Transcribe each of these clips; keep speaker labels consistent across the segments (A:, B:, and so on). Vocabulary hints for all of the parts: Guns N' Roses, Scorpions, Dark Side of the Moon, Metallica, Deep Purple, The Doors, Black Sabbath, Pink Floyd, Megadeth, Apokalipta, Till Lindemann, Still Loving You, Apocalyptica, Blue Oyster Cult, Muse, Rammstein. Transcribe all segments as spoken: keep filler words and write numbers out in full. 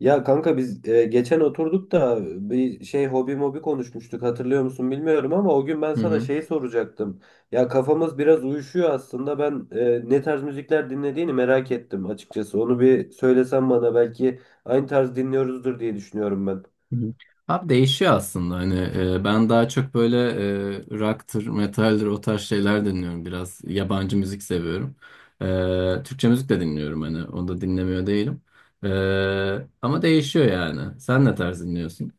A: Ya kanka biz e, geçen oturduk da bir şey hobi mobi konuşmuştuk hatırlıyor musun bilmiyorum ama o gün ben
B: Hı
A: sana
B: hı.
A: şeyi soracaktım. Ya kafamız biraz uyuşuyor aslında ben e, ne tarz müzikler dinlediğini merak ettim açıkçası. Onu bir söylesen bana belki aynı tarz dinliyoruzdur diye düşünüyorum ben.
B: hı hı. Abi değişiyor aslında hani e, ben daha çok böyle e, rock'tır, metaldir o tarz şeyler dinliyorum, biraz yabancı müzik seviyorum. E, Türkçe müzik de dinliyorum, hani onu da dinlemiyor değilim. E, Ama değişiyor, yani sen ne tarz dinliyorsun?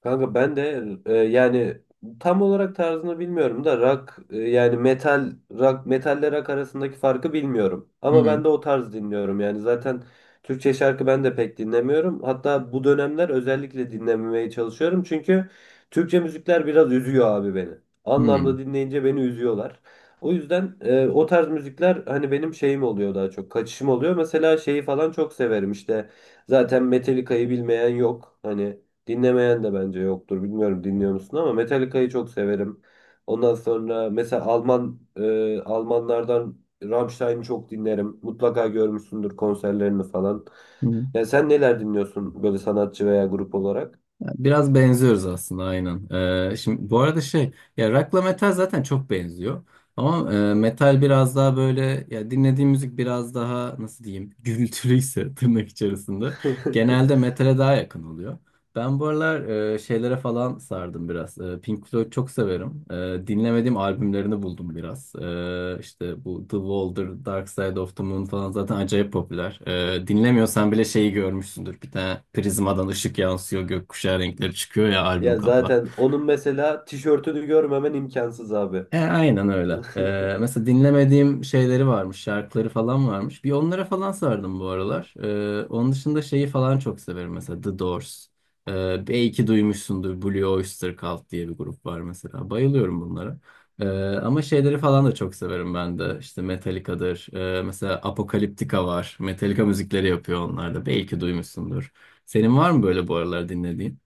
A: Kanka ben de e, yani tam olarak tarzını bilmiyorum da rock e, yani metal rock metalle rock arasındaki farkı bilmiyorum.
B: Hı
A: Ama
B: hı.
A: ben de o tarz dinliyorum. Yani zaten Türkçe şarkı ben de pek dinlemiyorum. Hatta bu dönemler özellikle dinlememeye çalışıyorum. Çünkü Türkçe müzikler biraz üzüyor abi beni.
B: Hı
A: Anlamda dinleyince beni üzüyorlar. O yüzden e, o tarz müzikler hani benim şeyim oluyor daha çok kaçışım oluyor. Mesela şeyi falan çok severim işte. Zaten Metallica'yı bilmeyen yok. Hani dinlemeyen de bence yoktur. Bilmiyorum dinliyor musun ama Metallica'yı çok severim. Ondan sonra mesela Alman e, Almanlardan Rammstein'i çok dinlerim. Mutlaka görmüşsündür konserlerini falan.
B: hı.
A: Ya sen neler dinliyorsun böyle sanatçı veya grup olarak?
B: Biraz benziyoruz aslında, aynen. Ee, şimdi bu arada şey, ya rock'la metal zaten çok benziyor. Ama e, metal biraz daha böyle, ya dinlediğim müzik biraz daha nasıl diyeyim gürültülüyse tırnak içerisinde genelde metale daha yakın oluyor. Ben bu aralar e, şeylere falan sardım biraz. E, Pink Floyd çok severim. E, dinlemediğim albümlerini buldum biraz. E, işte bu The Wall'dır, Dark Side of the Moon falan zaten acayip popüler. E, dinlemiyorsan bile şeyi görmüşsündür. Bir tane prizmadan ışık yansıyor, gökkuşağı renkleri çıkıyor ya, albüm
A: Ya
B: kapağı.
A: zaten onun mesela tişörtünü görmemen imkansız abi.
B: E, aynen öyle. E, mesela dinlemediğim şeyleri varmış, şarkıları falan varmış. Bir onlara falan sardım bu aralar. E, onun dışında şeyi falan çok severim mesela, The Doors. E, belki duymuşsundur, Blue Oyster Cult diye bir grup var mesela. Bayılıyorum bunlara. E, Ama şeyleri falan da çok severim ben de. İşte Metallica'dır. E, mesela Apocalyptica var. Metallica müzikleri yapıyor onlar da. Belki duymuşsundur. Senin var mı böyle bu aralar dinlediğin?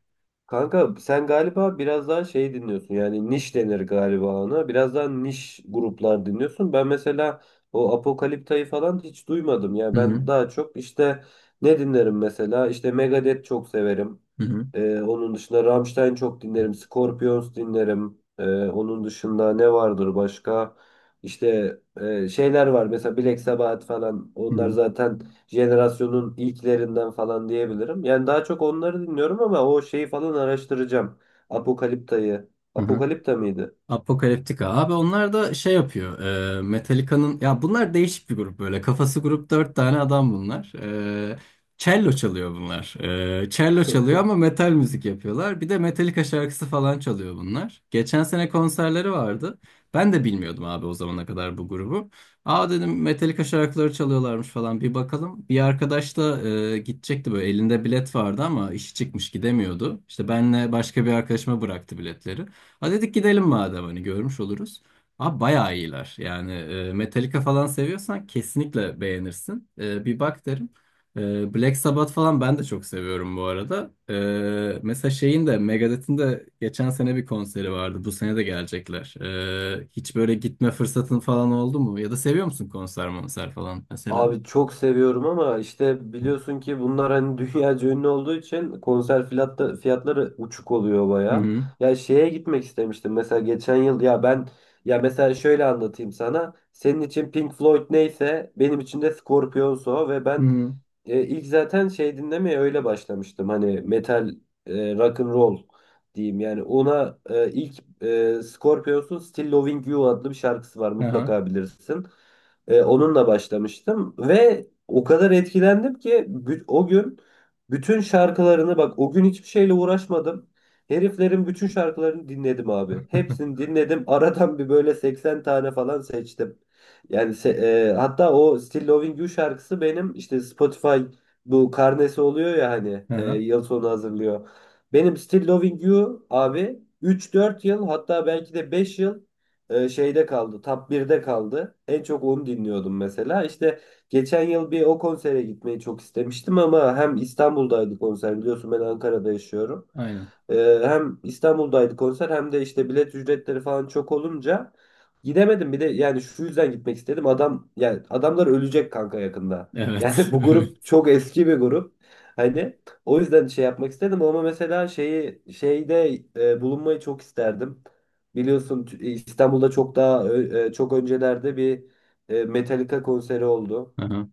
A: Kanka sen galiba biraz daha şey dinliyorsun yani niş denir galiba ona biraz daha niş gruplar dinliyorsun ben mesela o Apokalipta'yı falan hiç duymadım
B: Hı
A: ya
B: hı.
A: ben daha çok işte ne dinlerim mesela işte Megadeth çok severim,
B: Hı hı.
A: ee, onun dışında Rammstein çok dinlerim. Scorpions dinlerim. Ee, onun dışında ne vardır başka? İşte e, şeyler var. Mesela Black Sabbath falan.
B: Hı
A: Onlar
B: hı.
A: zaten jenerasyonun ilklerinden falan diyebilirim. Yani daha çok onları dinliyorum ama o şeyi falan araştıracağım. Apokalipta'yı.
B: Hı hı.
A: Apokalipta mıydı?
B: Apocalyptica. Abi onlar da şey yapıyor. E, Metallica'nın, ya bunlar değişik bir grup böyle. Kafası grup, dört tane adam bunlar. E, Cello çalıyor bunlar. E, cello çalıyor ama metal müzik yapıyorlar. Bir de Metallica şarkısı falan çalıyor bunlar. Geçen sene konserleri vardı. Ben de bilmiyordum abi o zamana kadar bu grubu. Aa dedim, Metallica şarkıları çalıyorlarmış falan, bir bakalım. Bir arkadaş da e, gidecekti, böyle elinde bilet vardı ama işi çıkmış gidemiyordu. İşte benle başka bir arkadaşıma bıraktı biletleri. Ha dedik gidelim madem, hani görmüş oluruz. Abi bayağı iyiler. Yani e, Metallica falan seviyorsan kesinlikle beğenirsin. E, bir bak derim. E, Black Sabbath falan ben de çok seviyorum bu arada. E, mesela şeyin de, Megadeth'in de geçen sene bir konseri vardı. Bu sene de gelecekler. E, hiç böyle gitme fırsatın falan oldu mu? Ya da seviyor musun konser monser falan mesela?
A: Abi çok seviyorum ama işte biliyorsun ki bunlar hani dünyaca ünlü olduğu için konser fiyatta, fiyatları uçuk oluyor
B: Hı
A: baya.
B: hı.
A: Ya şeye gitmek istemiştim mesela geçen yıl ya ben ya mesela şöyle anlatayım sana. Senin için Pink Floyd neyse benim için de Scorpions o ve
B: Hı
A: ben
B: hı.
A: e, ilk zaten şey dinlemeye öyle başlamıştım. Hani metal, e, rock and roll diyeyim. Yani ona e, ilk e, Scorpions'un Still Loving You adlı bir şarkısı var.
B: Aha.
A: Mutlaka bilirsin. E, onunla başlamıştım ve o kadar etkilendim ki bü- o gün bütün şarkılarını bak o gün hiçbir şeyle uğraşmadım. Heriflerin bütün şarkılarını dinledim abi. Hepsini dinledim. Aradan bir böyle seksen tane falan seçtim. Yani se- e, hatta o Still Loving You şarkısı benim işte Spotify bu karnesi oluyor ya hani e,
B: Aha.
A: yıl sonu hazırlıyor. Benim Still Loving You abi üç dört yıl hatta belki de beş yıl e, şeyde kaldı. Top birde kaldı. En çok onu dinliyordum mesela. İşte geçen yıl bir o konsere gitmeyi çok istemiştim ama hem İstanbul'daydı konser. Biliyorsun ben Ankara'da yaşıyorum.
B: Aynen.
A: E, hem İstanbul'daydı konser hem de işte bilet ücretleri falan çok olunca gidemedim. Bir de yani şu yüzden gitmek istedim. Adam yani adamlar ölecek kanka yakında.
B: Evet.
A: Yani bu grup
B: Evet.
A: çok eski bir grup. Hani o yüzden şey yapmak istedim ama mesela şeyi şeyde e, bulunmayı çok isterdim. Biliyorsun t- İstanbul'da çok daha ö- e, çok öncelerde bir e, Metallica konseri oldu.
B: Aha.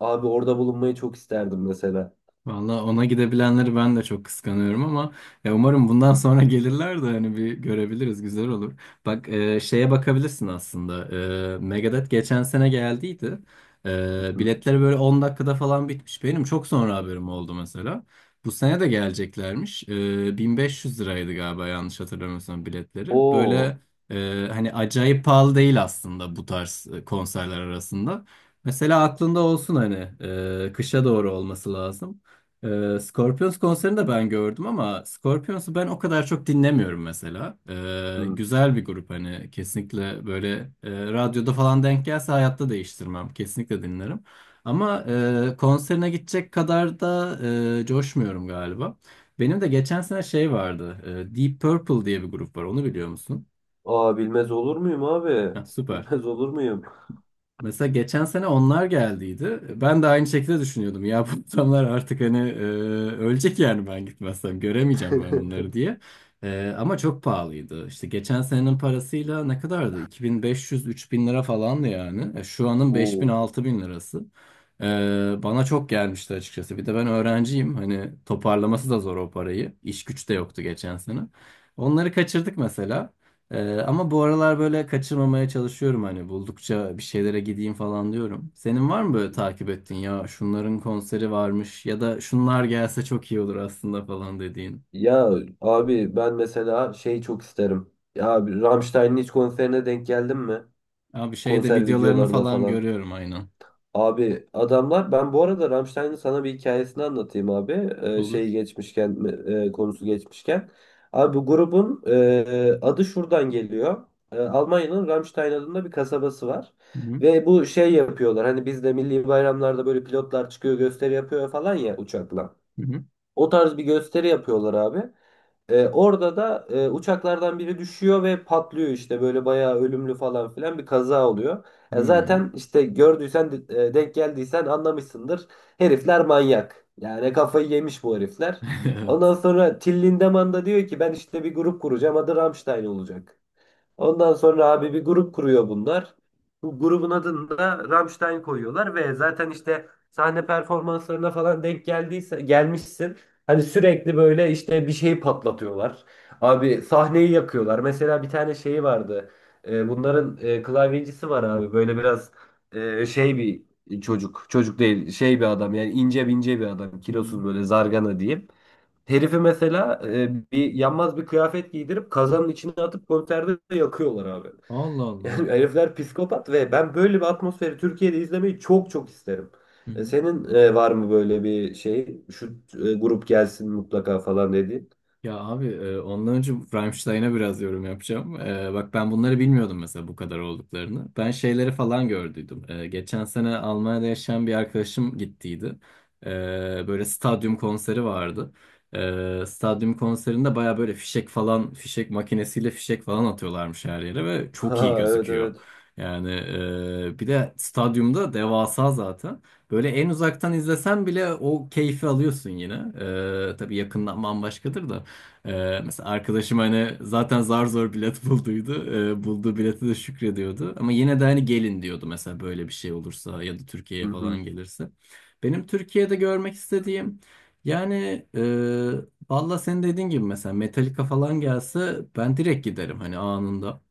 A: Abi orada bulunmayı çok isterdim mesela.
B: Valla ona gidebilenleri ben de çok kıskanıyorum ama ya umarım bundan sonra gelirler de hani bir görebiliriz, güzel olur. Bak e, şeye bakabilirsin aslında. E, Megadeth geçen sene geldiydi. E,
A: Hı.
B: biletleri böyle on dakikada falan bitmiş. Benim çok sonra haberim oldu mesela. Bu sene de geleceklermiş. E, bin beş yüz liraydı galiba, yanlış hatırlamıyorsam biletleri.
A: Oo.
B: Böyle e, hani acayip pahalı değil aslında bu tarz e, konserler arasında. Mesela aklında olsun, hani e, kışa doğru olması lazım. Ee, Scorpions konserini de ben gördüm ama Scorpions'u ben o kadar çok dinlemiyorum mesela. Ee,
A: Hı.
B: güzel bir grup hani, kesinlikle böyle e, radyoda falan denk gelse hayatta değiştirmem. Kesinlikle dinlerim. Ama e, konserine gidecek kadar da e, coşmuyorum galiba. Benim de geçen sene şey vardı. e, Deep Purple diye bir grup var. Onu biliyor musun?
A: Aa bilmez olur muyum abi?
B: Heh, süper.
A: Bilmez olur muyum?
B: Mesela geçen sene onlar geldiydi. Ben de aynı şekilde düşünüyordum. Ya bu adamlar artık hani e, ölecek yani, ben gitmezsem göremeyeceğim ben bunları diye. E, ama çok pahalıydı. İşte geçen senenin parasıyla ne kadardı? iki bin beş yüz üç bin lira falandı yani. E, şu anın
A: Oo.
B: beş bin altı bin lirası. E, Bana çok gelmişti açıkçası. Bir de ben öğrenciyim. Hani toparlaması da zor o parayı. İş güç de yoktu geçen sene. Onları kaçırdık mesela. Ee, ama bu aralar böyle kaçırmamaya çalışıyorum, hani buldukça bir şeylere gideyim falan diyorum. Senin var mı böyle takip ettiğin, ya şunların konseri varmış ya da şunlar gelse çok iyi olur aslında falan dediğin?
A: Ya abi ben mesela şey çok isterim. Ya abi Rammstein'in hiç konserine denk geldin mi?
B: Abi şeyde
A: Konser
B: videolarını
A: videolarına
B: falan
A: falan.
B: görüyorum, aynen.
A: Abi adamlar ben bu arada Rammstein'in sana bir hikayesini anlatayım abi. Ee, şey
B: Olur.
A: geçmişken e, konusu geçmişken. Abi bu grubun e, adı şuradan geliyor. E, Almanya'nın Rammstein adında bir kasabası var.
B: Hı hı.
A: Ve bu şey yapıyorlar. Hani bizde milli bayramlarda böyle pilotlar çıkıyor gösteri yapıyor falan ya uçakla.
B: Hı hı.
A: O tarz bir gösteri yapıyorlar abi. E, orada da e, uçaklardan biri düşüyor ve patlıyor işte böyle bayağı ölümlü falan filan bir kaza oluyor. E,
B: Hı.
A: zaten işte gördüysen e, denk geldiysen anlamışsındır. Herifler manyak. Yani kafayı yemiş bu herifler. Ondan
B: Evet.
A: sonra Till Lindemann da diyor ki ben işte bir grup kuracağım adı Rammstein olacak. Ondan sonra abi bir grup kuruyor bunlar. Bu grubun adını da Rammstein koyuyorlar ve zaten işte sahne performanslarına falan denk geldiyse gelmişsin. Hani sürekli böyle işte bir şeyi patlatıyorlar. Abi sahneyi yakıyorlar. Mesela bir tane şeyi vardı. Ee, bunların e, klavyecisi var abi. Böyle biraz e, şey bir çocuk. Çocuk değil, şey bir adam. Yani ince ince bir adam.
B: Hı.
A: Kilosuz böyle zargana diyeyim. Herifi mesela e, bir yanmaz bir kıyafet giydirip kazanın içine atıp konserde de yakıyorlar abi.
B: Allah Allah.
A: Yani herifler psikopat ve ben böyle bir atmosferi Türkiye'de izlemeyi çok çok isterim. E, Senin e, var mı böyle bir şey? Şu e, grup gelsin mutlaka falan dediğin.
B: Ya abi e, ondan önce Rammstein'a biraz yorum yapacağım. E, bak ben bunları bilmiyordum mesela, bu kadar olduklarını. Ben şeyleri falan gördüydüm. E, geçen sene Almanya'da yaşayan bir arkadaşım gittiydi. E, Böyle stadyum konseri vardı. E, stadyum konserinde baya böyle fişek falan, fişek makinesiyle fişek falan atıyorlarmış her yere ve çok iyi
A: Ha evet
B: gözüküyor.
A: evet.
B: Yani e, bir de stadyumda devasa zaten. Böyle en uzaktan izlesen bile o keyfi alıyorsun yine. E, tabii yakından bambaşkadır da. Ee, mesela arkadaşım hani zaten zar zor bilet bulduydu. Ee, bulduğu bileti de şükrediyordu. Ama yine de hani gelin diyordu mesela, böyle bir şey olursa ya da
A: Hı
B: Türkiye'ye falan
A: hı.
B: gelirse. Benim Türkiye'de görmek istediğim yani e, valla senin dediğin gibi mesela Metallica falan gelse ben direkt giderim, hani anında.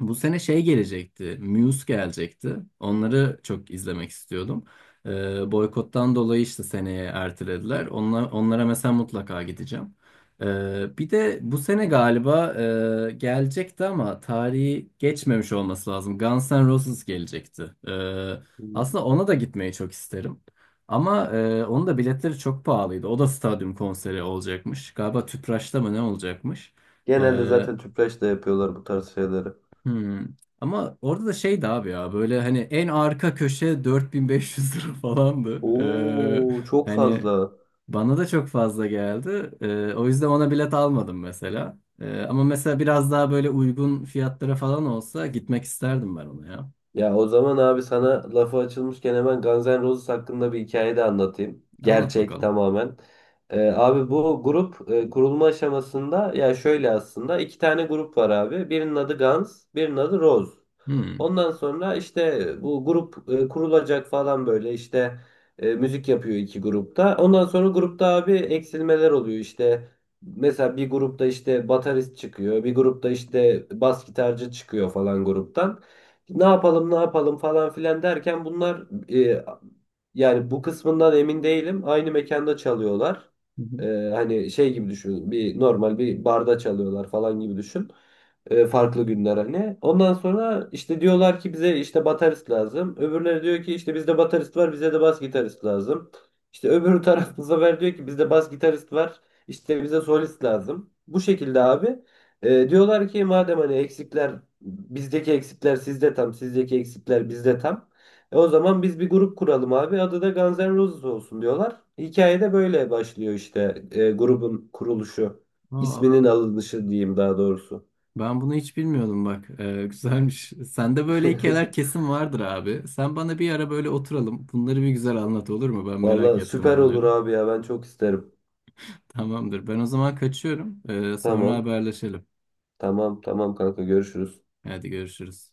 B: Bu sene şey gelecekti, Muse gelecekti. Onları çok izlemek istiyordum. Ee, boykottan dolayı işte seneye ertelediler. Onlar, onlara mesela mutlaka gideceğim. Ee, bir de bu sene galiba e, gelecekti ama tarihi geçmemiş olması lazım. Guns N' Roses gelecekti. Ee, Aslında ona da gitmeyi çok isterim. Ama e, onun da biletleri çok pahalıydı. O da stadyum konseri olacakmış. Galiba Tüpraş'ta mı ne olacakmış?
A: Genelde
B: Ee,
A: zaten tüpraş da yapıyorlar bu tarz şeyleri.
B: Hmm. Ama orada da şeydi abi ya, böyle hani en arka köşe dört bin beş yüz lira falandı.
A: Oo
B: Ee,
A: çok
B: hani
A: fazla.
B: bana da çok fazla geldi. Ee, o yüzden ona bilet almadım mesela. Ee, ama mesela biraz daha böyle uygun fiyatlara falan olsa gitmek isterdim ben ona ya.
A: Ya o zaman abi sana lafı açılmışken hemen Guns N' Roses hakkında bir hikaye de anlatayım.
B: Anlat
A: Gerçek
B: bakalım.
A: tamamen. Ee, abi bu grup e, kurulma aşamasında ya şöyle aslında iki tane grup var abi. Birinin adı Guns, birinin adı Rose.
B: Hmm.
A: Ondan sonra işte bu grup e, kurulacak falan böyle işte e, müzik yapıyor iki grupta. Ondan sonra grupta abi eksilmeler oluyor işte. Mesela bir grupta işte baterist çıkıyor, bir grupta işte bas gitarcı çıkıyor falan gruptan ne yapalım ne yapalım falan filan derken bunlar e, yani bu kısmından emin değilim. Aynı mekanda çalıyorlar.
B: Hı hı.
A: E, Hani şey gibi düşün. Bir normal bir barda çalıyorlar falan gibi düşün. E, farklı günler hani. Ondan sonra işte diyorlar ki bize işte baterist lazım. Öbürleri diyor ki işte bizde baterist var, bize de bas gitarist lazım. İşte öbür taraf bu sefer diyor ki bizde bas gitarist var, işte bize solist lazım. Bu şekilde abi. E, diyorlar ki madem hani eksikler bizdeki eksikler sizde tam, sizdeki eksikler bizde tam. E, o zaman biz bir grup kuralım abi. Adı da Guns N' Roses olsun diyorlar. Hikaye de böyle başlıyor işte e, grubun kuruluşu.
B: Aa,
A: İsminin alınışı diyeyim daha doğrusu.
B: ben bunu hiç bilmiyordum bak. Ee, güzelmiş. Sende böyle hikayeler kesin vardır abi. Sen bana bir ara böyle oturalım. Bunları bir güzel anlat, olur mu? Ben merak
A: Vallahi
B: ettim
A: süper olur
B: bunları.
A: abi ya ben çok isterim.
B: Tamamdır. Ben o zaman kaçıyorum. Ee, sonra
A: Tamam.
B: haberleşelim.
A: Tamam tamam kanka görüşürüz.
B: Hadi görüşürüz.